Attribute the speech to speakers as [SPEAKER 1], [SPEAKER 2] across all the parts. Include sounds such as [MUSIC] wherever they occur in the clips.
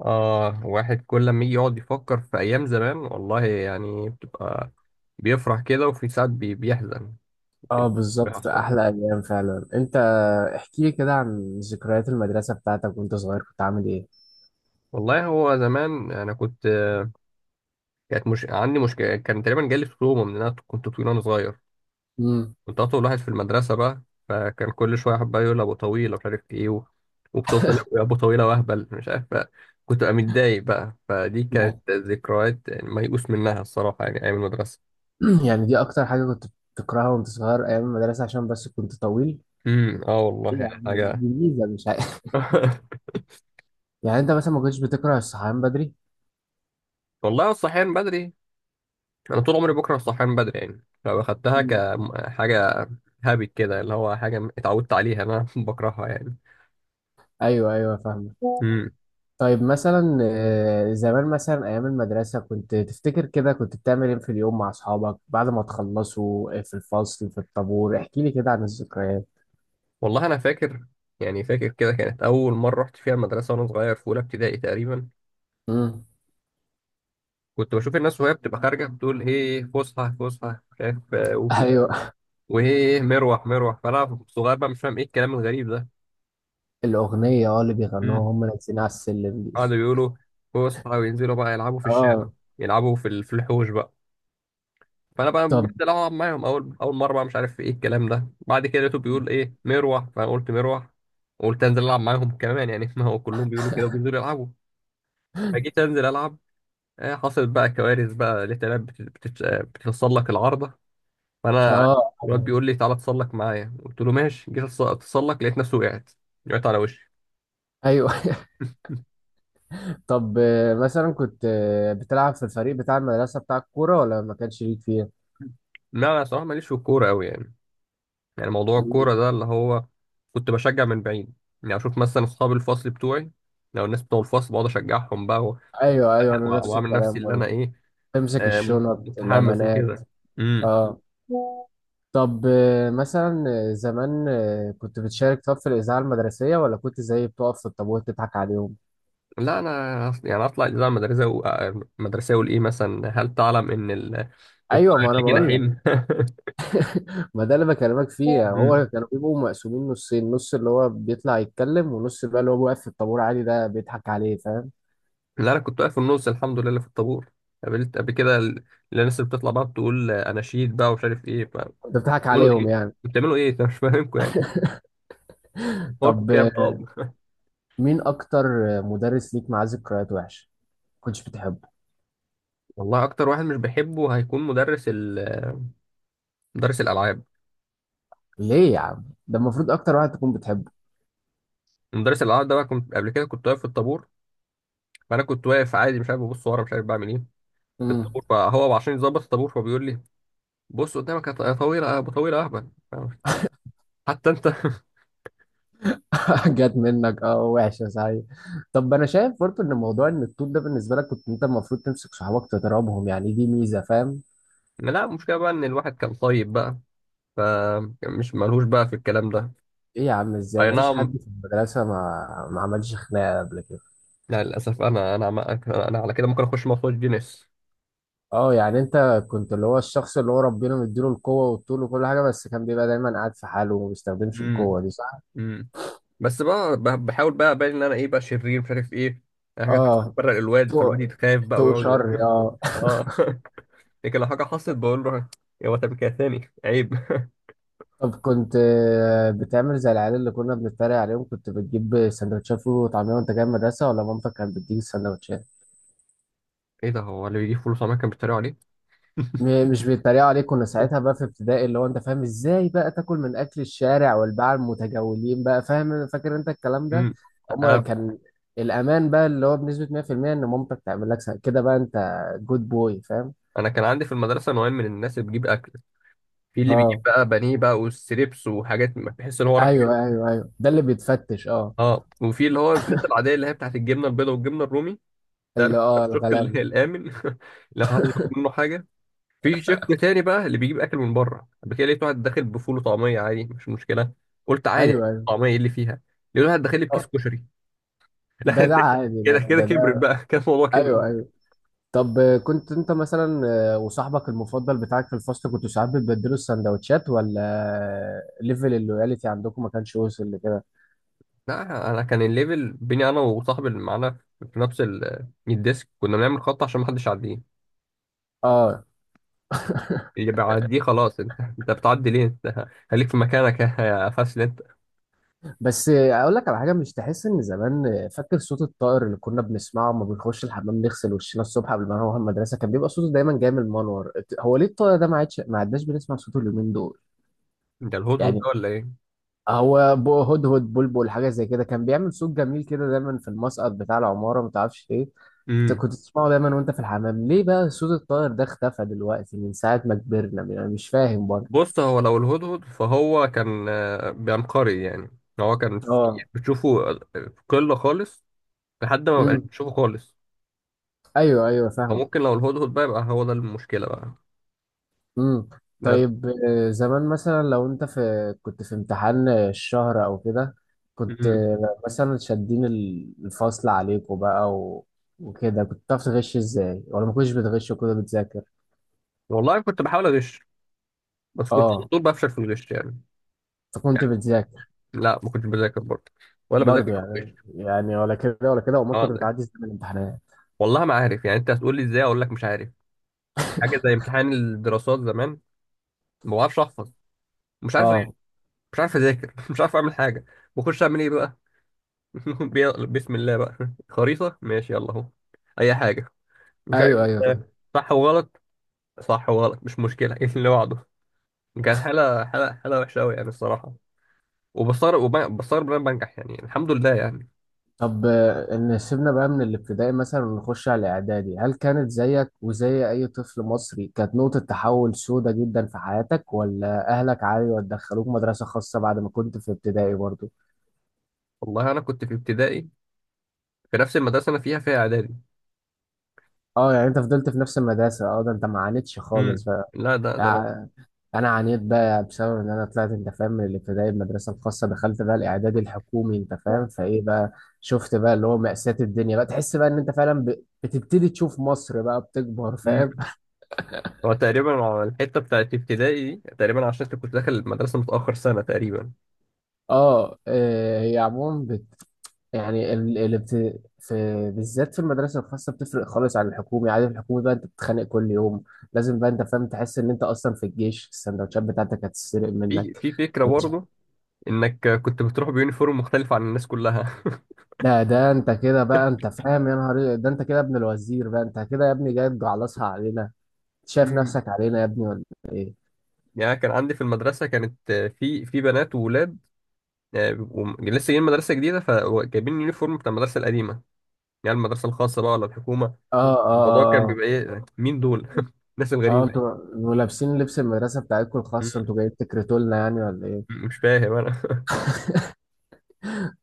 [SPEAKER 1] آه، واحد كل لما يجي يقعد يفكر في أيام زمان والله يعني بتبقى بيفرح كده، وفي ساعات بيحزن.
[SPEAKER 2] اه بالظبط، ده
[SPEAKER 1] بيحصل.
[SPEAKER 2] احلى ايام فعلا. انت احكي لي كده عن ذكريات المدرسه بتاعتك وانت صغير، كنت عامل ايه؟
[SPEAKER 1] والله هو زمان أنا كنت، مش عندي مشكلة، كان تقريبا جالي ستوما من إن أنا كنت طويل وأنا صغير.
[SPEAKER 2] امم
[SPEAKER 1] كنت أطول واحد في المدرسة بقى، فكان كل شوية حد بقى يقول أبو طويل ومش عارف إيه وبتوصل يا أبو طويلة وأهبل مش عارف بقى. كنت أبقى متضايق بقى، فدي كانت
[SPEAKER 2] يعني
[SPEAKER 1] ذكريات يعني ميؤوس منها الصراحة، يعني أيام المدرسة.
[SPEAKER 2] [CLEARS THROAT] يعني دي اكتر حاجه كنت بتكرهها وانت صغير، ايام المدرسه، عشان بس كنت طويل؟
[SPEAKER 1] اه
[SPEAKER 2] ايه
[SPEAKER 1] والله
[SPEAKER 2] يا
[SPEAKER 1] يعني
[SPEAKER 2] عم،
[SPEAKER 1] حاجة.
[SPEAKER 2] دي ميزه مش عارف.
[SPEAKER 1] [LAUGHS]
[SPEAKER 2] [LAUGHS] يعني انت مثلا ما كنتش بتكره الصحيان بدري؟
[SPEAKER 1] والله الصحيان بدري، انا طول عمري بكره الصحيان بدري، يعني لو اخدتها
[SPEAKER 2] مم.
[SPEAKER 1] كحاجه هابت كده اللي هو حاجه اتعودت عليها انا، [LAUGHS] بكرهها يعني.
[SPEAKER 2] ايوه ايوه فاهمه.
[SPEAKER 1] امم.
[SPEAKER 2] طيب مثلا زمان مثلا ايام المدرسه، كنت تفتكر كده كنت بتعمل ايه في اليوم مع اصحابك بعد ما تخلصوا في الفصل، في الطابور؟ احكي لي كده عن الذكريات.
[SPEAKER 1] والله انا فاكر، يعني فاكر كده كانت اول مره رحت فيها المدرسه وانا صغير في اولى ابتدائي تقريبا.
[SPEAKER 2] امم
[SPEAKER 1] كنت بشوف الناس وهي بتبقى خارجه بتقول ايه فسحه فسحه مش عارف
[SPEAKER 2] [LAUGHS]
[SPEAKER 1] وفي الآخر،
[SPEAKER 2] ايوه،
[SPEAKER 1] وايه مروح مروح، فانا صغير بقى مش فاهم ايه الكلام الغريب ده.
[SPEAKER 2] الأغنية اه اللي
[SPEAKER 1] امم.
[SPEAKER 2] بيغنوها هم نازلين على السلم دي.
[SPEAKER 1] قعدوا يقولوا فسحه وينزلوا بقى يلعبوا في
[SPEAKER 2] اه.
[SPEAKER 1] الشارع، يلعبوا في الحوش بقى. فانا بقى
[SPEAKER 2] طب.
[SPEAKER 1] بدات العب معاهم، اول مره بقى مش عارف ايه الكلام ده، بعد كده لقيته بيقول ايه مروح، فانا قلت مروح. قلت انزل العب معاهم كمان يعني، [LAUGHS] ما هو كلهم بيقولوا كده وبينزلوا يلعبوا. فجيت انزل العب، حصلت بقى كوارث بقى. لقيت العيال بتتسلق العارضه. فانا
[SPEAKER 2] اه.
[SPEAKER 1] الواد بيقول لي تعالى اتسلق معايا، قلت له ماشي، جيت اتسلق لقيت نفسي وقعت، وقعت على وشي.
[SPEAKER 2] ايوه. [LAUGHS] طب مثلا كنت بتلعب في الفريق بتاع المدرسة بتاع الكورة، ولا ما كانش ليك فيه؟
[SPEAKER 1] لا انا صراحه ماليش في الكوره قوي يعني. يعني موضوع الكورة ده اللي هو كنت بشجع من بعيد، يعني أشوف مثلا أصحاب الفصل بتوعي، لو الناس بتوع الفصل بقعد أشجعهم بقى،
[SPEAKER 2] ايوه ايوه، انا نفس
[SPEAKER 1] وأعمل نفسي
[SPEAKER 2] الكلام
[SPEAKER 1] اللي أنا
[SPEAKER 2] برضه.
[SPEAKER 1] إيه،
[SPEAKER 2] تمسك
[SPEAKER 1] آه،
[SPEAKER 2] الشنط
[SPEAKER 1] متحمس
[SPEAKER 2] الأمانات.
[SPEAKER 1] وكده. امم.
[SPEAKER 2] اه. طب مثلا زمان كنت بتشارك طب في الإذاعة المدرسية، ولا كنت زي بتقف في الطابور تضحك عليهم؟
[SPEAKER 1] لا انا يعني اطلع الاذاعه المدرسيه المدرسيه الايه مثلا هل تعلم ان
[SPEAKER 2] ايوه،
[SPEAKER 1] الطائر
[SPEAKER 2] ما انا
[SPEAKER 1] ليه
[SPEAKER 2] بقول لك،
[SPEAKER 1] جناحين. [LAUGHS]
[SPEAKER 2] ما ده اللي بكلمك فيه يعني. هو
[SPEAKER 1] مم.
[SPEAKER 2] كانوا بيبقوا مقسومين نصين، نص اللي هو بيطلع يتكلم ونص بقى اللي هو واقف في الطابور عادي ده بيضحك عليه، فاهم؟
[SPEAKER 1] لا انا كنت واقف في النص الحمد لله اللي في الطابور. قابلت قبل كده الناس اللي بتطلع بقى بتقول آه، اناشيد بقى ومش عارف ايه
[SPEAKER 2] انت بتضحك
[SPEAKER 1] بتعملوا
[SPEAKER 2] عليهم
[SPEAKER 1] ايه،
[SPEAKER 2] يعني.
[SPEAKER 1] بتعملوا ايه؟ [LAUGHS] أنا مش فاهمكم يعني.
[SPEAKER 2] طب
[SPEAKER 1] فكك يا طب.
[SPEAKER 2] مين اكتر مدرس ليك معاه ذكريات وحشه، ما كنتش بتحبه؟
[SPEAKER 1] والله اكتر واحد مش بحبه هيكون مدرس ال... مدرس الالعاب.
[SPEAKER 2] ليه يا عم؟ ده المفروض اكتر واحد تكون بتحبه.
[SPEAKER 1] مدرس الالعاب ده بقى كنت قبل كده كنت واقف في الطابور، فانا كنت واقف عادي مش عارف ببص ورا مش عارف بعمل ايه في
[SPEAKER 2] امم
[SPEAKER 1] الطابور، فهو عشان يظبط الطابور فهو بيقول لي بص قدامك يا طويل يا ابو طويل يا اهبل. حتى انت. [LAUGHS]
[SPEAKER 2] [LAUGHS] جت منك اه، وحشه صحيح. طب انا شايف برضه ان موضوع ان الطول ده بالنسبه لك، كنت انت المفروض تمسك صحابك تضربهم يعني، دي ميزه فاهم.
[SPEAKER 1] لا المشكله بقى ان الواحد كان طيب بقى، فمش ملهوش بقى في الكلام ده.
[SPEAKER 2] ايه يا عم، ازاي
[SPEAKER 1] اي
[SPEAKER 2] مفيش
[SPEAKER 1] نعم.
[SPEAKER 2] حد في المدرسه ما ما عملش خناقه قبل كده؟
[SPEAKER 1] لا للاسف انا انا على كده ممكن اخش مخرج جينيس.
[SPEAKER 2] اه، يعني انت كنت اللي هو الشخص اللي هو ربنا مديله القوة والطول وكل حاجة، بس كان بيبقى دايما قاعد في حاله وما بيستخدمش القوة دي، صح؟
[SPEAKER 1] امم. بس بقى بحاول بقى ابان ان انا ايه بقى شرير مش عارف ايه، يعني حاجات
[SPEAKER 2] اه.
[SPEAKER 1] تفرق الواد، فالواد
[SPEAKER 2] تو
[SPEAKER 1] يتخاف بقى
[SPEAKER 2] تو شر
[SPEAKER 1] ويقعد.
[SPEAKER 2] اه.
[SPEAKER 1] [LAUGHS] اه. لكن لو حاجه حصلت بقول له يا واد كده تاني عيب.
[SPEAKER 2] طب كنت بتعمل زي العيال اللي كنا بنتريق عليهم، كنت بتجيب سندوتشات فول وطعمية وانت جاي من المدرسة، ولا مامتك كانت بتديك السندوتشات؟
[SPEAKER 1] [LAUGHS] ايه ده، هو اللي بيجيب فلوس عمال كان بيتريقوا عليه؟
[SPEAKER 2] م- مش بيتريقوا عليك، كنا ساعتها بقى في ابتدائي اللي هو انت فاهم ازاي بقى تاكل من اكل الشارع والباعة المتجولين بقى، فاهم؟ فاكر انت الكلام ده؟
[SPEAKER 1] امم.
[SPEAKER 2] هما
[SPEAKER 1] انا
[SPEAKER 2] كان الامان بقى اللي هو بنسبة 100% ان مامتك تعمل لك سا- كده بقى. انت جود بوي فاهم.
[SPEAKER 1] انا كان عندي في المدرسه نوعين من الناس اللي بيجيب اكل، في اللي بيجيب
[SPEAKER 2] اه
[SPEAKER 1] بقى بانيه بقى والستريبس وحاجات ما تحس ان هو راح.
[SPEAKER 2] ايوه ايوه ايوه، ده اللي بيتفتش اه.
[SPEAKER 1] اه. وفي اللي هو الناس العاديه اللي هي بتاعت الجبنه البيضاء والجبنه الرومي، ده
[SPEAKER 2] اللي
[SPEAKER 1] [LAUGHS]
[SPEAKER 2] اه
[SPEAKER 1] الشق
[SPEAKER 2] الغلابة.
[SPEAKER 1] الامن. [LAUGHS] لو حد ياخد منه حاجه. في شق تاني بقى اللي بيجيب اكل من بره، قبل كده لقيت واحد داخل بفول وطعميه، عادي مش مشكله، قلت عادي
[SPEAKER 2] ايوه ايوه
[SPEAKER 1] طعميه ايه اللي فيها. لقيت واحد داخل لي
[SPEAKER 2] آه،
[SPEAKER 1] بكيس كشري، [LAUGHS] لا
[SPEAKER 2] ده ده
[SPEAKER 1] انت
[SPEAKER 2] عادي،
[SPEAKER 1] كده
[SPEAKER 2] لا
[SPEAKER 1] كده
[SPEAKER 2] ده
[SPEAKER 1] كبرت
[SPEAKER 2] ده
[SPEAKER 1] بقى. [LAUGHS] كان الموضوع
[SPEAKER 2] ايوه
[SPEAKER 1] كبر.
[SPEAKER 2] ايوه. طب كنت انت مثلا وصاحبك المفضل بتاعك في الفصل، كنتوا ساعات بتبدلوا السندوتشات ولا ليفل اللويالتي عندكم ما كانش وصل لكده؟
[SPEAKER 1] لا انا كان الليفل بيني انا وصاحبي اللي معانا في نفس الديسك، كنا بنعمل خط عشان ما حدش يعديه.
[SPEAKER 2] اه. [LAUGHS]
[SPEAKER 1] اللي بيعديه خلاص انت، انت بتعدي ليه؟ انت خليك في مكانك يا فاسل انت.
[SPEAKER 2] بس اقول لك على حاجه، مش تحس ان زمان فاكر صوت الطائر اللي كنا بنسمعه لما بنخش الحمام نغسل وشنا الصبح قبل ما نروح المدرسه، كان بيبقى صوته دايما جاي من المنور. هو ليه الطائر ده ما عادش، ما عدناش بنسمع صوته اليومين دول؟
[SPEAKER 1] انت الهدهد
[SPEAKER 2] يعني
[SPEAKER 1] ده ولا ايه؟
[SPEAKER 2] هو بو- هدهد، بلبل، حاجه زي كده كان بيعمل صوت جميل كده دايما في المسقط بتاع العماره، ما تعرفش ليه. انت
[SPEAKER 1] امم.
[SPEAKER 2] كنت تسمعه دايما وانت في الحمام، ليه بقى صوت الطائر ده اختفى دلوقتي من ساعه ما كبرنا يعني؟ مش فاهم برضه.
[SPEAKER 1] بص، هو لو الهدهد فهو كان آه، بينقري يعني. هو كان في
[SPEAKER 2] اه.
[SPEAKER 1] بتشوفه في قلة خالص لحد ما مبقاش
[SPEAKER 2] امم
[SPEAKER 1] بتشوفه خالص.
[SPEAKER 2] ايوه ايوه فاهم.
[SPEAKER 1] فممكن لو الهدهد بقى يبقى هو ده المشكلة بقى،
[SPEAKER 2] امم
[SPEAKER 1] بس.
[SPEAKER 2] طيب زمان مثلا، لو انت في كنت في امتحان الشهر او كده، كنت
[SPEAKER 1] مم.
[SPEAKER 2] مثلا شادين ال- الفصل عليكم بقى و... وكده، كنت بتعرف تغش ازاي، ولا ما كنتش بتغش وكده بتذاكر؟
[SPEAKER 1] والله كنت بحاول أغش، بس كنت على
[SPEAKER 2] اه،
[SPEAKER 1] طول بفشل في الغش يعني.
[SPEAKER 2] فكنت بتذاكر.
[SPEAKER 1] لا ما كنتش بذاكر برضه، ولا بذاكر
[SPEAKER 2] برضه
[SPEAKER 1] ولا
[SPEAKER 2] يعني،
[SPEAKER 1] بغش.
[SPEAKER 2] يعني ولا كده ولا كده، امال
[SPEAKER 1] اه
[SPEAKER 2] كنت
[SPEAKER 1] ده.
[SPEAKER 2] بتعدي ازاي من الامتحانات؟
[SPEAKER 1] والله ما عارف يعني، انت هتقول لي ازاي اقول لك مش عارف. يعني حاجة زي امتحان الدراسات زمان، ما بعرفش احفظ، مش عارف أغش،
[SPEAKER 2] اه
[SPEAKER 1] مش عارف اذاكر، [LAUGHS] مش عارف اعمل حاجة. بخش اعمل ايه بقى، [LAUGHS] بسم الله بقى. خريطة ماشي يلا اهو، أي حاجة، مش
[SPEAKER 2] ايوه
[SPEAKER 1] عارف.
[SPEAKER 2] ايوه فاهم.
[SPEAKER 1] صح وغلط، صح وغلط مش مشكلة. [LAUGHS] ايه اللي بعده. كانت حالة حالة وحشة أوي يعني الصراحة. وبستغرب بستغرب إن أنا بنجح، يعني الحمد لله يعني.
[SPEAKER 2] طب ان سيبنا بقى من الابتدائي مثلا ونخش على الاعدادي، هل كانت زيك وزي اي طفل مصري كانت نقطة تحول سودة جدا في حياتك، ولا اهلك عادي ودخلوك مدرسة خاصة بعد ما كنت في ابتدائي برضه؟
[SPEAKER 1] والله أنا كنت في ابتدائي في نفس المدرسة أنا فيها، إعدادي.
[SPEAKER 2] اه يعني انت فضلت في نفس المدرسة، اه ده انت ما عانيتش خالص
[SPEAKER 1] امم.
[SPEAKER 2] بقى.
[SPEAKER 1] لا ده أنا.
[SPEAKER 2] يعني انا عانيت بقى بسبب ان انا طلعت انت فاهم من الابتدائي المدرسه الخاصه، دخلت بقى الاعدادي الحكومي انت فاهم، فايه بقى؟ شفت بقى اللي هو مأساة الدنيا بقى، تحس بقى ان انت فعلا ب- بتبتدي تشوف مصر بقى بتكبر،
[SPEAKER 1] امم.
[SPEAKER 2] فاهم؟
[SPEAKER 1] هو تقريبا على الحتة بتاعت ابتدائي دي، تقريبا عشان أنت كنت داخل المدرسة متأخر سنة تقريبا.
[SPEAKER 2] [LAUGHS] اه هي عموما بت... يعني ال... ال... بت... في بالذات في المدرسه الخاصه بتفرق خالص عن الحكومي. عادي في الحكومي بقى انت بتتخانق كل يوم، لازم بقى انت فاهم تحس ان انت اصلا في الجيش، السندوتشات بتاعتك هتتسرق
[SPEAKER 1] في
[SPEAKER 2] منك.
[SPEAKER 1] في فكرة برضه إنك كنت بتروح بيونيفورم مختلف عن الناس كلها.
[SPEAKER 2] ده ده انت كده بقى انت فاهم، يا نهار إيه، ده انت كده ابن الوزير بقى، انت كده يا ابني جاي تجعلصها علينا؟ شايف نفسك
[SPEAKER 1] [LAUGHS]
[SPEAKER 2] علينا يا ابني ولا ايه؟
[SPEAKER 1] يعني كان عندي في المدرسة كانت آه، في بنات وولاد، آه، بيبقوا لسه جايين مدرسة جديدة فجايبين اليونيفورم بتاع المدرسة القديمة، يعني المدرسة الخاصة بقى ولا الحكومة.
[SPEAKER 2] اه اه
[SPEAKER 1] الموضوع كان
[SPEAKER 2] اه
[SPEAKER 1] بيبقى إيه مين دول؟ [LAUGHS] الناس
[SPEAKER 2] اه.
[SPEAKER 1] الغريبة دي،
[SPEAKER 2] انتوا انتوا لابسين لبس المدرسه بتاعتكم الخاص،
[SPEAKER 1] م-
[SPEAKER 2] انتوا جايين تكرتوا لنا يعني ولا ايه؟
[SPEAKER 1] مش فاهم أنا. [LAUGHS]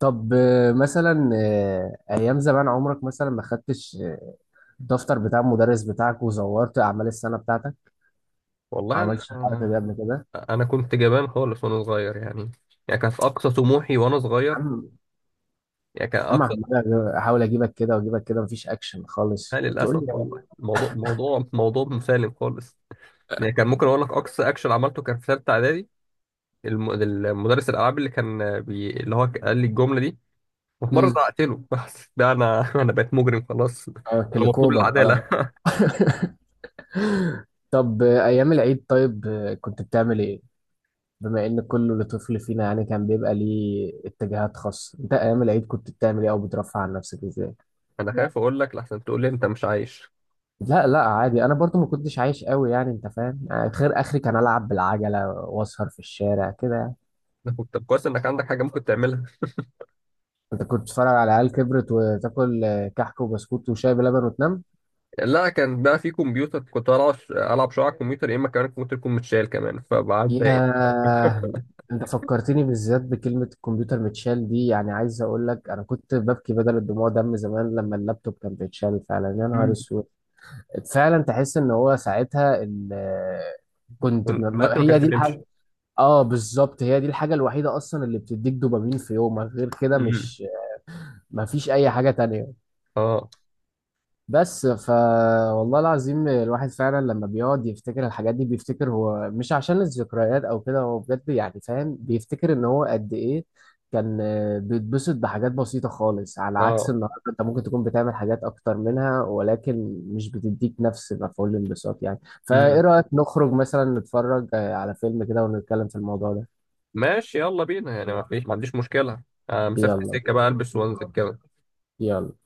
[SPEAKER 2] طب مثلا ايام زمان عمرك مثلا ما خدتش الدفتر بتاع المدرس بتاعك وزورت اعمال السنه بتاعتك؟ ما
[SPEAKER 1] والله
[SPEAKER 2] عملتش الحركه دي
[SPEAKER 1] أنا
[SPEAKER 2] قبل كده؟
[SPEAKER 1] أنا كنت جبان خالص وأنا صغير يعني. يعني كان في أقصى طموحي وأنا صغير،
[SPEAKER 2] عم
[SPEAKER 1] يعني كان
[SPEAKER 2] عم
[SPEAKER 1] أقصى،
[SPEAKER 2] عمال احاول اجيبك كده واجيبك كده، مفيش اكشن
[SPEAKER 1] لا
[SPEAKER 2] خالص بتقول لي.
[SPEAKER 1] للأسف والله الموضوع موضوع مسالم خالص. يعني كان ممكن أقول لك أقصى أكشن عملته كان في ثالثة إعدادي، المدرس الألعاب اللي كان اللي هو قال لي الجملة دي، وفي مرة
[SPEAKER 2] امم.
[SPEAKER 1] زعقت له، بس ده أنا [LAUGHS] أنا بقيت مجرم خلاص. أنا مطلوب
[SPEAKER 2] كليكوبر خلاص.
[SPEAKER 1] العدالة.
[SPEAKER 2] طب أيام العيد، طيب كنت بتعمل إيه؟ بما إن كل طفل فينا يعني كان بيبقى ليه اتجاهات خاصة، أنت أيام العيد كنت بتعمل إيه، أو بترفع عن نفسك إزاي؟
[SPEAKER 1] [LAUGHS] أنا خايف أقول لك لحسن تقول لي أنت مش عايش.
[SPEAKER 2] لا لا عادي، أنا برضو ما كنتش عايش قوي يعني أنت فاهم؟ يعني خير آخري كان ألعب بالعجلة وأسهر في الشارع كده يعني.
[SPEAKER 1] أنا كنت طب كويس إنك عندك حاجة ممكن تعملها.
[SPEAKER 2] أنت كنت بتتفرج على عيال كبرت، وتاكل كحك وبسكوت وشاي بلبن وتنام؟
[SPEAKER 1] لا كان بقى في كمبيوتر، كنت ألعب، ألعب شوية على الكمبيوتر يا إما كمان الكمبيوتر يكون متشال كمان فبعد بقيت.
[SPEAKER 2] ياه. انت فكرتني بالذات بكلمة الكمبيوتر متشال دي، يعني عايز اقول لك انا كنت ببكي بدل الدموع دم زمان لما اللابتوب كان بيتشال، فعلا يا نهار
[SPEAKER 1] مم.
[SPEAKER 2] اسود. فعلا تحس ان هو ساعتها ال- كنت م- م-
[SPEAKER 1] الوقت ما كانش
[SPEAKER 2] هي دي
[SPEAKER 1] بيمشي.
[SPEAKER 2] الحاجة. اه بالظبط، هي دي الحاجة الوحيدة اصلا اللي بتديك دوبامين في يومك، غير كده
[SPEAKER 1] مم.
[SPEAKER 2] مش مفيش اي حاجة تانية.
[SPEAKER 1] اه.
[SPEAKER 2] بس ف والله العظيم، الواحد فعلا لما بيقعد يفتكر الحاجات دي، بيفتكر هو مش عشان الذكريات او كده، هو بجد يعني فاهم، بيفتكر ان هو قد ايه كان بيتبسط بحاجات بسيطة خالص، على عكس
[SPEAKER 1] اه.
[SPEAKER 2] النهارده انت ممكن تكون بتعمل حاجات اكتر منها ولكن مش بتديك نفس مفعول الانبساط يعني. فايه
[SPEAKER 1] امم.
[SPEAKER 2] رأيك نخرج مثلا نتفرج على فيلم كده ونتكلم في الموضوع ده؟
[SPEAKER 1] ماشي يلا بينا يعني، ما فيش، ما عنديش مشكلة. آه، مسافة
[SPEAKER 2] يلا.
[SPEAKER 1] السكة بقى البس وانزل كده.
[SPEAKER 2] يلا.